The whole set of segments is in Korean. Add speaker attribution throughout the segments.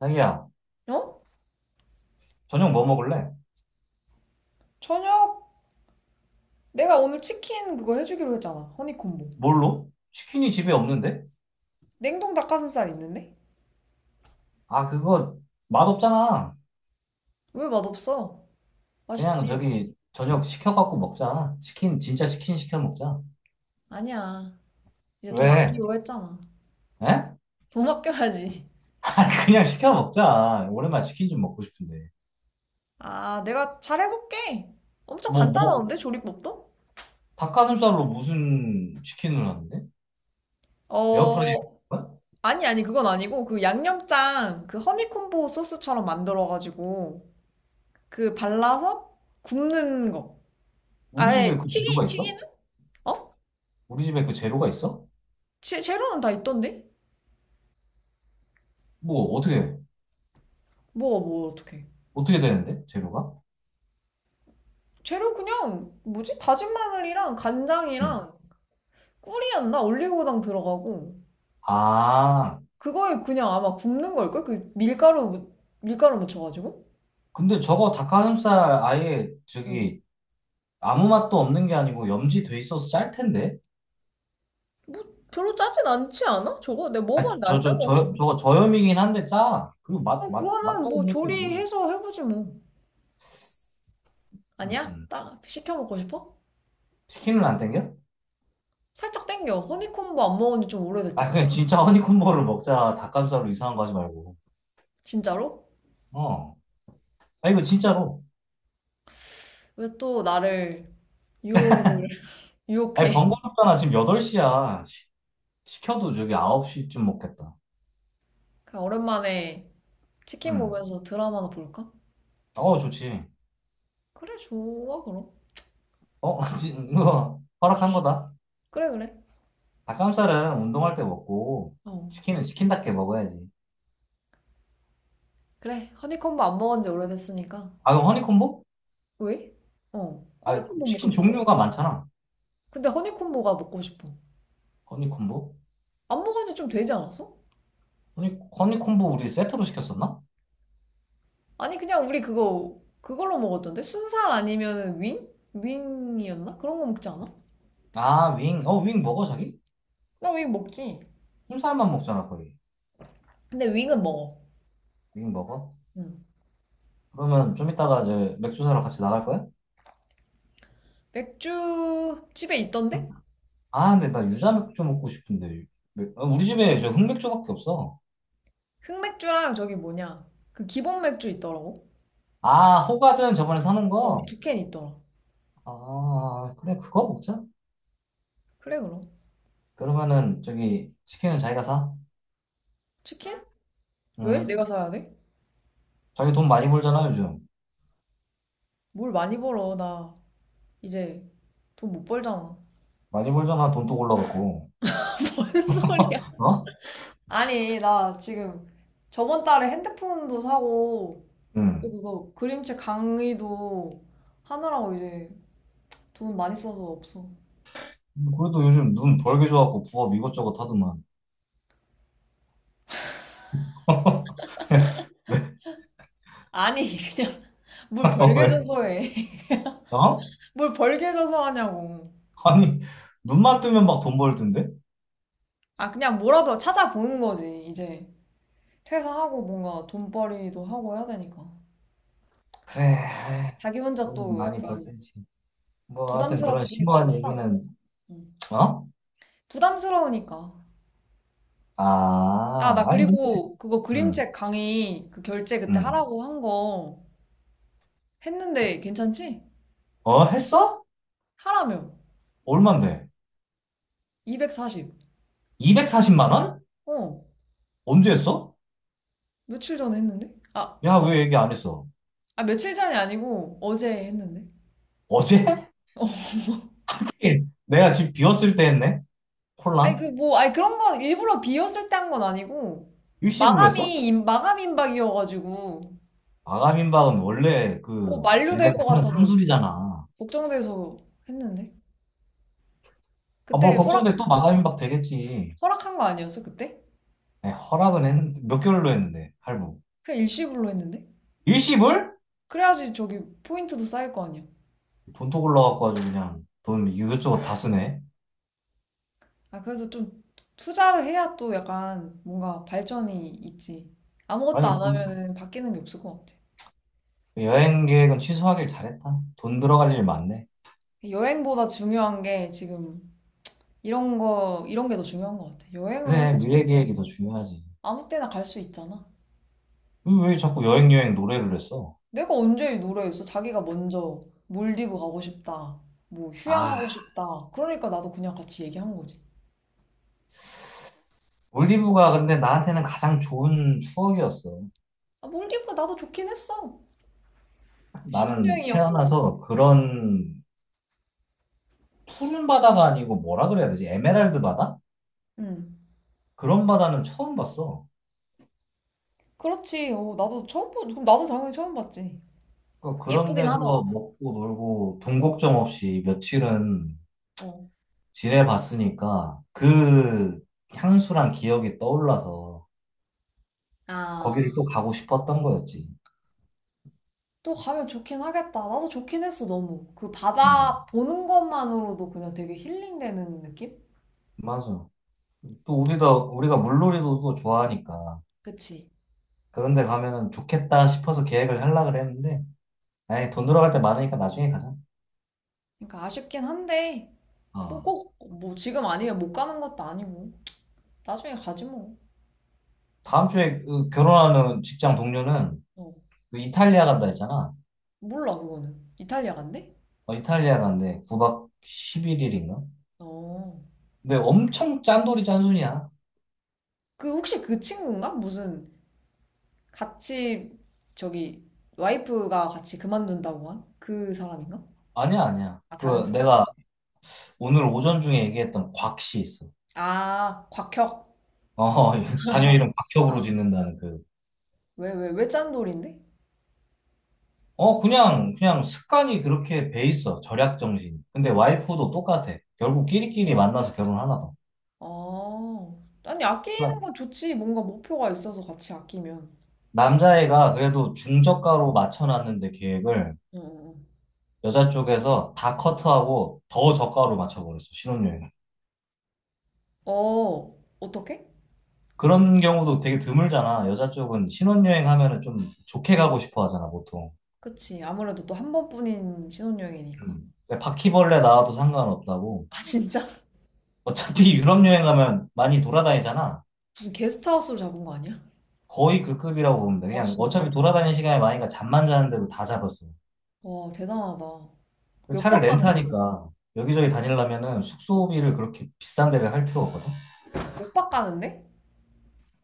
Speaker 1: 자기야,
Speaker 2: 어?
Speaker 1: 저녁 뭐 먹을래?
Speaker 2: 저녁 내가 오늘 치킨 그거 해주기로 했잖아. 허니콤보.
Speaker 1: 뭘로? 치킨이 집에 없는데?
Speaker 2: 냉동 닭가슴살 있는데?
Speaker 1: 아, 그거 맛없잖아.
Speaker 2: 왜 맛없어?
Speaker 1: 그냥
Speaker 2: 맛있지?
Speaker 1: 저기 저녁 시켜갖고 먹자. 치킨, 진짜 치킨 시켜 먹자.
Speaker 2: 아니야. 이제 돈
Speaker 1: 왜?
Speaker 2: 아끼기로 했잖아.
Speaker 1: 에?
Speaker 2: 돈 아껴야지.
Speaker 1: 그냥 시켜 먹자. 오랜만에 치킨 좀 먹고 싶은데.
Speaker 2: 아, 내가 잘해볼게. 엄청
Speaker 1: 뭐,
Speaker 2: 간단한데, 조리법도?
Speaker 1: 닭가슴살로 무슨 치킨을 하는데? 에어프라이어?
Speaker 2: 어, 아니, 아니, 그건 아니고, 그 양념장, 그 허니콤보 소스처럼 만들어가지고, 그 발라서 굽는 거.
Speaker 1: 우리
Speaker 2: 아예
Speaker 1: 집에 그 재료가 있어?
Speaker 2: 튀기는? 어?
Speaker 1: 우리 집에 그 재료가 있어?
Speaker 2: 재료는 다 있던데?
Speaker 1: 뭐, 어떻게,
Speaker 2: 뭐가 뭐, 어떡해.
Speaker 1: 어떻게 되는데? 재료가?
Speaker 2: 재료 그냥 뭐지 다진 마늘이랑
Speaker 1: 음.
Speaker 2: 간장이랑 꿀이었나 올리고당 들어가고
Speaker 1: 아,
Speaker 2: 그거에 그냥 아마 굽는 걸걸 그 밀가루 묻혀가지고
Speaker 1: 근데 저거 닭가슴살 아예
Speaker 2: 응.
Speaker 1: 저기 아무 맛도 없는 게 아니고 염지 돼 있어서 짤 텐데.
Speaker 2: 뭐 별로 짜진 않지 않아? 저거 내가
Speaker 1: 아,
Speaker 2: 먹어봤는데 안
Speaker 1: 저,
Speaker 2: 짠
Speaker 1: 저,
Speaker 2: 거
Speaker 1: 저,
Speaker 2: 같은데.
Speaker 1: 저거 저염이긴 한데 짜. 그리고 맛,
Speaker 2: 그럼
Speaker 1: 맛,
Speaker 2: 그거는
Speaker 1: 맛도
Speaker 2: 뭐
Speaker 1: 없는데 뭘.
Speaker 2: 조리해서 해보지 뭐.
Speaker 1: 음,
Speaker 2: 아니야,
Speaker 1: 음.
Speaker 2: 딱 시켜 먹고 싶어.
Speaker 1: 치킨은 안 땡겨?
Speaker 2: 살짝 땡겨. 허니콤보 안 먹은 지 좀
Speaker 1: 아,
Speaker 2: 오래됐잖아.
Speaker 1: 그냥 진짜 허니콤보를 먹자. 닭가슴살로 이상한 거 하지 말고.
Speaker 2: 진짜로.
Speaker 1: 어. 아, 이거 진짜로.
Speaker 2: 왜 또 나를 유혹을
Speaker 1: 아니,
Speaker 2: 유혹해.
Speaker 1: 번거롭잖아. 지금 8시야. 시켜도 저기 9시쯤 먹겠다.
Speaker 2: 그냥 오랜만에 치킨
Speaker 1: 음.
Speaker 2: 보면서 드라마나 볼까?
Speaker 1: 어, 좋지.
Speaker 2: 그래, 좋아, 그럼.
Speaker 1: 어, 이거 허락한 거다.
Speaker 2: 그래, 그래.
Speaker 1: 닭가슴살은 운동할 때 먹고,
Speaker 2: 어.
Speaker 1: 치킨은 치킨답게 먹어야지.
Speaker 2: 그래, 허니콤보 안 먹은 지 오래됐으니까.
Speaker 1: 아, 그럼 허니콤보?
Speaker 2: 왜? 어.
Speaker 1: 아,
Speaker 2: 허니콤보 먹고
Speaker 1: 치킨
Speaker 2: 싶다.
Speaker 1: 종류가 많잖아.
Speaker 2: 근데 허니콤보가 먹고 싶어.
Speaker 1: 허니 콤보?
Speaker 2: 안 먹은 지 좀 되지 않았어?
Speaker 1: 허니 콤보 우리 세트로 시켰었나?
Speaker 2: 아니, 그냥 우리 그거, 그걸로 먹었던데? 순살 아니면 윙? 윙이었나? 그런 거 먹지 않아?
Speaker 1: 아, 윙. 어, 윙 먹어, 자기?
Speaker 2: 나 윙 먹지.
Speaker 1: 흰살만 먹잖아, 거의.
Speaker 2: 근데 윙은 먹어.
Speaker 1: 윙 먹어?
Speaker 2: 응.
Speaker 1: 그러면 좀 이따가 이제 맥주 사러 같이 나갈 거야?
Speaker 2: 맥주, 집에 있던데?
Speaker 1: 아, 근데 나 유자 맥주 먹고 싶은데. 아, 우리 집에 저 흑맥주밖에 없어.
Speaker 2: 흑맥주랑 저기 뭐냐. 그 기본 맥주 있더라고.
Speaker 1: 아, 호가든 저번에 사놓은
Speaker 2: 어,
Speaker 1: 거?
Speaker 2: 두캔 있더라.
Speaker 1: 아, 그래, 그거 먹자.
Speaker 2: 그래, 그럼.
Speaker 1: 그러면은 저기 치킨은 자기가 사.
Speaker 2: 치킨? 왜? 내가
Speaker 1: 응.
Speaker 2: 사야 돼?
Speaker 1: 자기 돈 많이 벌잖아, 요즘.
Speaker 2: 뭘 많이 벌어. 나 이제 돈 못 벌잖아.
Speaker 1: 많이 벌잖아, 돈또 올라갔고.
Speaker 2: 뭔 소리야?
Speaker 1: 어?
Speaker 2: 아니, 나 지금 저번 달에 핸드폰도 사고,
Speaker 1: 응.
Speaker 2: 그거 그림책 강의도 하느라고 이제 돈 많이 써서 없어.
Speaker 1: 그래도 요즘 눈 벌게 좋아갖고 부업 이것저것 하더만. 네.
Speaker 2: 아니, 그냥 뭘
Speaker 1: 어,
Speaker 2: 벌게
Speaker 1: 왜?
Speaker 2: 줘서 해.
Speaker 1: 어?
Speaker 2: 뭘 벌게 줘서 하냐고.
Speaker 1: 아니, 눈만 뜨면 막 돈 벌던데?
Speaker 2: 아, 그냥 뭐라도 찾아보는 거지, 이제. 퇴사하고 뭔가 돈벌이도 하고 해야 되니까.
Speaker 1: 그래, 에이,
Speaker 2: 자기 혼자
Speaker 1: 돈
Speaker 2: 또
Speaker 1: 많이 벌
Speaker 2: 약간
Speaker 1: 던지 뭐, 하여튼 그런
Speaker 2: 부담스럽기도
Speaker 1: 심오한
Speaker 2: 하잖아.
Speaker 1: 얘기는,
Speaker 2: 응.
Speaker 1: 어?
Speaker 2: 부담스러우니까. 아,
Speaker 1: 아,
Speaker 2: 나
Speaker 1: 아니, 근데,
Speaker 2: 그리고 그거
Speaker 1: 응,
Speaker 2: 그림책 강의 그 결제 그때
Speaker 1: 응.
Speaker 2: 하라고 한 거 했는데 괜찮지?
Speaker 1: 어, 했어?
Speaker 2: 하라며.
Speaker 1: 얼만데?
Speaker 2: 240.
Speaker 1: 240만 원?
Speaker 2: 어,
Speaker 1: 언제 했어?
Speaker 2: 며칠 전에 했는데? 아,
Speaker 1: 야, 왜 얘기 안 했어?
Speaker 2: 아, 며칠 전이 아니고 어제 했는데?
Speaker 1: 어제? 하긴 내가 집 비웠을 때 했네?
Speaker 2: 아니, 그
Speaker 1: 콜랑?
Speaker 2: 뭐, 아니 그런 건 일부러 비었을 때 한 건 아니고
Speaker 1: 일시불로 했어?
Speaker 2: 마감 임박이어가지고
Speaker 1: 마감임박은 원래
Speaker 2: 뭐
Speaker 1: 그, 걔네가
Speaker 2: 만료될 것
Speaker 1: 하는
Speaker 2: 같아서
Speaker 1: 상술이잖아.
Speaker 2: 걱정돼서 했는데?
Speaker 1: 아, 뭘
Speaker 2: 그때 허락,
Speaker 1: 걱정돼. 또 마감임박 되겠지.
Speaker 2: 허락한 거 아니었어, 그때?
Speaker 1: 네, 허락은 했는데, 몇 개월로 했는데, 할부.
Speaker 2: 그냥 일시불로 했는데?
Speaker 1: 일시불?
Speaker 2: 그래야지 저기 포인트도 쌓일 거 아니야.
Speaker 1: 돈톡 올라갖고 아주 그냥 돈 이것저것 다 쓰네.
Speaker 2: 아, 그래도 좀 투자를 해야 또 약간 뭔가 발전이 있지. 아무것도
Speaker 1: 아니,
Speaker 2: 안
Speaker 1: 그
Speaker 2: 하면은 바뀌는 게 없을 것 같아.
Speaker 1: 여행 계획은 취소하길 잘했다. 돈 들어갈 일 많네.
Speaker 2: 여행보다 중요한 게 지금 이런 거, 이런 게 더 중요한 것 같아. 여행은
Speaker 1: 그래,
Speaker 2: 솔직히
Speaker 1: 미래
Speaker 2: 뭐
Speaker 1: 계획이 더 중요하지.
Speaker 2: 아무 때나 갈 수 있잖아.
Speaker 1: 왜 자꾸 여행 노래를 했어?
Speaker 2: 내가 언제 노래했어? 자기가 먼저 몰디브 가고 싶다, 뭐
Speaker 1: 아,
Speaker 2: 휴양하고 싶다 그러니까 나도 그냥 같이 얘기한 거지.
Speaker 1: 몰디브가 근데 나한테는 가장 좋은 추억이었어.
Speaker 2: 아, 몰디브 나도 좋긴 했어.
Speaker 1: 나는
Speaker 2: 신혼여행이었거든.
Speaker 1: 태어나서 그런 푸른 바다가 아니고 뭐라 그래야 되지? 에메랄드 바다?
Speaker 2: 응.
Speaker 1: 그런 바다는 처음 봤어.
Speaker 2: 그렇지. 어, 나도 처음, 보- 나도 당연히 처음 봤지.
Speaker 1: 그런
Speaker 2: 예쁘긴
Speaker 1: 데서
Speaker 2: 하더라.
Speaker 1: 먹고 놀고 돈 걱정 없이 며칠은
Speaker 2: 어.
Speaker 1: 지내봤으니까 그 향수랑 기억이 떠올라서
Speaker 2: 아,
Speaker 1: 거기를 또 가고 싶었던 거였지.
Speaker 2: 또 가면 좋긴 하겠다. 나도 좋긴 했어, 너무. 그
Speaker 1: 응.
Speaker 2: 바다 보는 것만으로도 그냥 되게 힐링되는 느낌?
Speaker 1: 맞아. 또 우리도 우리가 물놀이도 또 좋아하니까
Speaker 2: 그치?
Speaker 1: 그런 데 가면은 좋겠다 싶어서 계획을 하려고 했는데 아예 돈 들어갈 때 많으니까 나중에 가자.
Speaker 2: 그러니까 아쉽긴 한데, 뭐
Speaker 1: 어.
Speaker 2: 꼭, 뭐 지금 아니면 못 가는 것도 아니고. 나중에 가지 뭐.
Speaker 1: 다음 주에 그 결혼하는 직장 동료는
Speaker 2: 어,
Speaker 1: 그 이탈리아 간다 했잖아.
Speaker 2: 몰라, 그거는. 이탈리아 간대?
Speaker 1: 어, 이탈리아 간대. 9박 11일인가?
Speaker 2: 어.
Speaker 1: 근데 엄청 짠돌이 짠순이야.
Speaker 2: 그 혹시 그 친구인가? 무슨 같이, 저기, 와이프가 같이 그만둔다고 한? 그 사람인가?
Speaker 1: 아니야, 아니야.
Speaker 2: 아, 다른
Speaker 1: 그
Speaker 2: 사람?
Speaker 1: 내가 오늘 오전 중에 얘기했던 곽씨 있어.
Speaker 2: 아, 곽혁.
Speaker 1: 어, 자녀 이름
Speaker 2: 아,
Speaker 1: 곽혁으로 짓는다는 그.
Speaker 2: 왜, 왜, 왜 짠돌인데?
Speaker 1: 어, 그냥 습관이 그렇게 배 있어. 절약 정신. 근데 와이프도 똑같아. 결국 끼리끼리 만나서 결혼하나 봐.
Speaker 2: 아, 아니, 아끼는
Speaker 1: 그러니까
Speaker 2: 건 좋지. 뭔가 목표가 있어서 같이 아끼면.
Speaker 1: 남자애가 그래도 중저가로 맞춰놨는데 계획을
Speaker 2: 응, 응. 응.
Speaker 1: 여자 쪽에서 다 커트하고 더 저가로 맞춰버렸어, 신혼여행을.
Speaker 2: 어, 어떻게?
Speaker 1: 그런 경우도 되게 드물잖아. 여자 쪽은 신혼여행 하면은 좀 좋게 가고 싶어 하잖아, 보통.
Speaker 2: 그치. 아무래도 또 한 번뿐인 신혼여행이니까.
Speaker 1: 음. 그 바퀴벌레 나와도 상관없다고.
Speaker 2: 아, 진짜?
Speaker 1: 어차피 유럽 여행 가면 많이 돌아다니잖아.
Speaker 2: 무슨 게스트하우스로 잡은 거 아니야?
Speaker 1: 거의 그 급이라고 보면 돼.
Speaker 2: 아,
Speaker 1: 그냥
Speaker 2: 진짜?
Speaker 1: 어차피 돌아다니는 시간이 많으니까 잠만 자는데도 다 잡았어.
Speaker 2: 와, 대단하다.
Speaker 1: 그
Speaker 2: 몇
Speaker 1: 차를
Speaker 2: 박 가는 건데?
Speaker 1: 렌트하니까 여기저기 다니려면은
Speaker 2: 어,
Speaker 1: 숙소비를 그렇게 비싼 데를 할 필요 없거든.
Speaker 2: 몇박 가는데?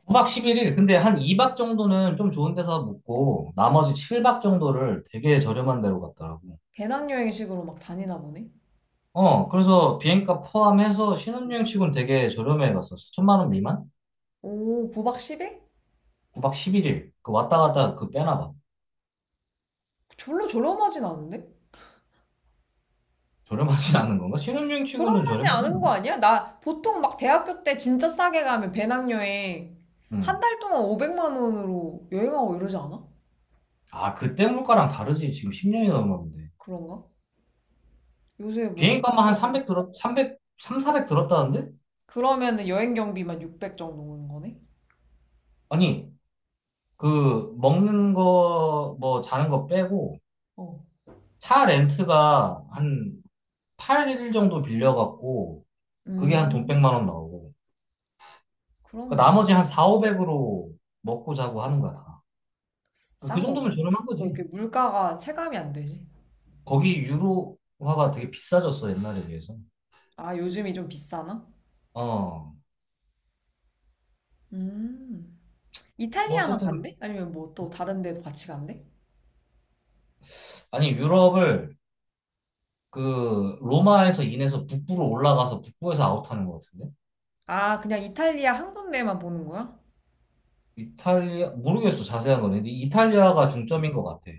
Speaker 1: 9박 1 1일 근데 한 2박 정도는 좀 좋은 데서 묵고 나머지 7박 정도를 되게 저렴한 데로 갔더라고.
Speaker 2: 배낭여행식으로 막 다니나 보네?
Speaker 1: 어, 그래서 비행값 포함해서 신혼여행 치고는 되게 저렴해 갔어. 천만 원 미만?
Speaker 2: 오, 9박 10일?
Speaker 1: 9박 11일. 그 왔다 갔다 그 빼나 봐.
Speaker 2: 졸로 저렴하진 않은데?
Speaker 1: 저렴하진 않은 건가? 신혼여행 치고는
Speaker 2: 저렴하지
Speaker 1: 저렴하지
Speaker 2: 않은 거
Speaker 1: 않나?
Speaker 2: 아니야? 나 보통 막 대학교 때 진짜 싸게 가면 배낭여행 한
Speaker 1: 음.
Speaker 2: 달 동안 500만 원으로 여행하고 이러지 않아?
Speaker 1: 아, 그때 물가랑 다르지. 지금 10년이 넘었는데.
Speaker 2: 그런가? 요새 뭐
Speaker 1: 비행값만 한
Speaker 2: 완전히.
Speaker 1: 300 들었, 삼백 삼사400 들었다는데?
Speaker 2: 그러면은 여행 경비만 600 정도 오는 거네?
Speaker 1: 아니, 그, 먹는 거, 뭐, 자는 거 빼고,
Speaker 2: 어.
Speaker 1: 차 렌트가 한 8일 정도 빌려갖고, 그게 한 돈
Speaker 2: 음,
Speaker 1: 100만 원 나오고, 그
Speaker 2: 그럼 뭐,
Speaker 1: 나머지 한 4, 500으로 먹고 자고 하는 거야, 다. 그러니까 그
Speaker 2: 싼
Speaker 1: 정도면
Speaker 2: 건가?
Speaker 1: 저렴한
Speaker 2: 너
Speaker 1: 거지.
Speaker 2: 이렇게 물가가 체감이 안 되지?
Speaker 1: 거기 유로화가 되게 비싸졌어, 옛날에 비해서.
Speaker 2: 아, 요즘이 좀 비싸나?
Speaker 1: 어.
Speaker 2: 음.
Speaker 1: 뭐,
Speaker 2: 이탈리아만
Speaker 1: 어쨌든,
Speaker 2: 간대? 아니면 뭐 또 다른 데도 같이 간대?
Speaker 1: 아니, 유럽을 그 로마에서 인해서 북부로 올라가서 북부에서 아웃하는 것 같은데?
Speaker 2: 아, 그냥 이탈리아 한 군데만 보는 거야?
Speaker 1: 이탈리아 모르겠어 자세한 거는 근데 이탈리아가 중점인 것 같아.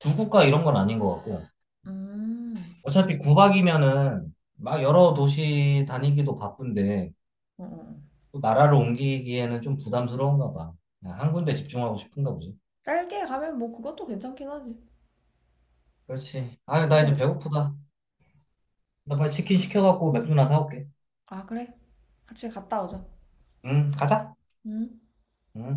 Speaker 1: 두 국가 이런 건 아닌 것 같고
Speaker 2: 음.
Speaker 1: 어차피 구박이면은 막 여러 도시 다니기도 바쁜데
Speaker 2: 어, 어. 어.
Speaker 1: 또 나라를 옮기기에는 좀 부담스러운가 봐. 그냥 한 군데 집중하고 싶은가 보지.
Speaker 2: 짧게 가면 뭐 그것도 괜찮긴 하지.
Speaker 1: 그렇지. 아유 나 이제
Speaker 2: 그래서
Speaker 1: 배고프다. 나 빨리 치킨 시켜갖고 맥주나 사올게.
Speaker 2: 아, 그래. 같이 갔다 오자.
Speaker 1: 응 가자.
Speaker 2: 응?
Speaker 1: 응.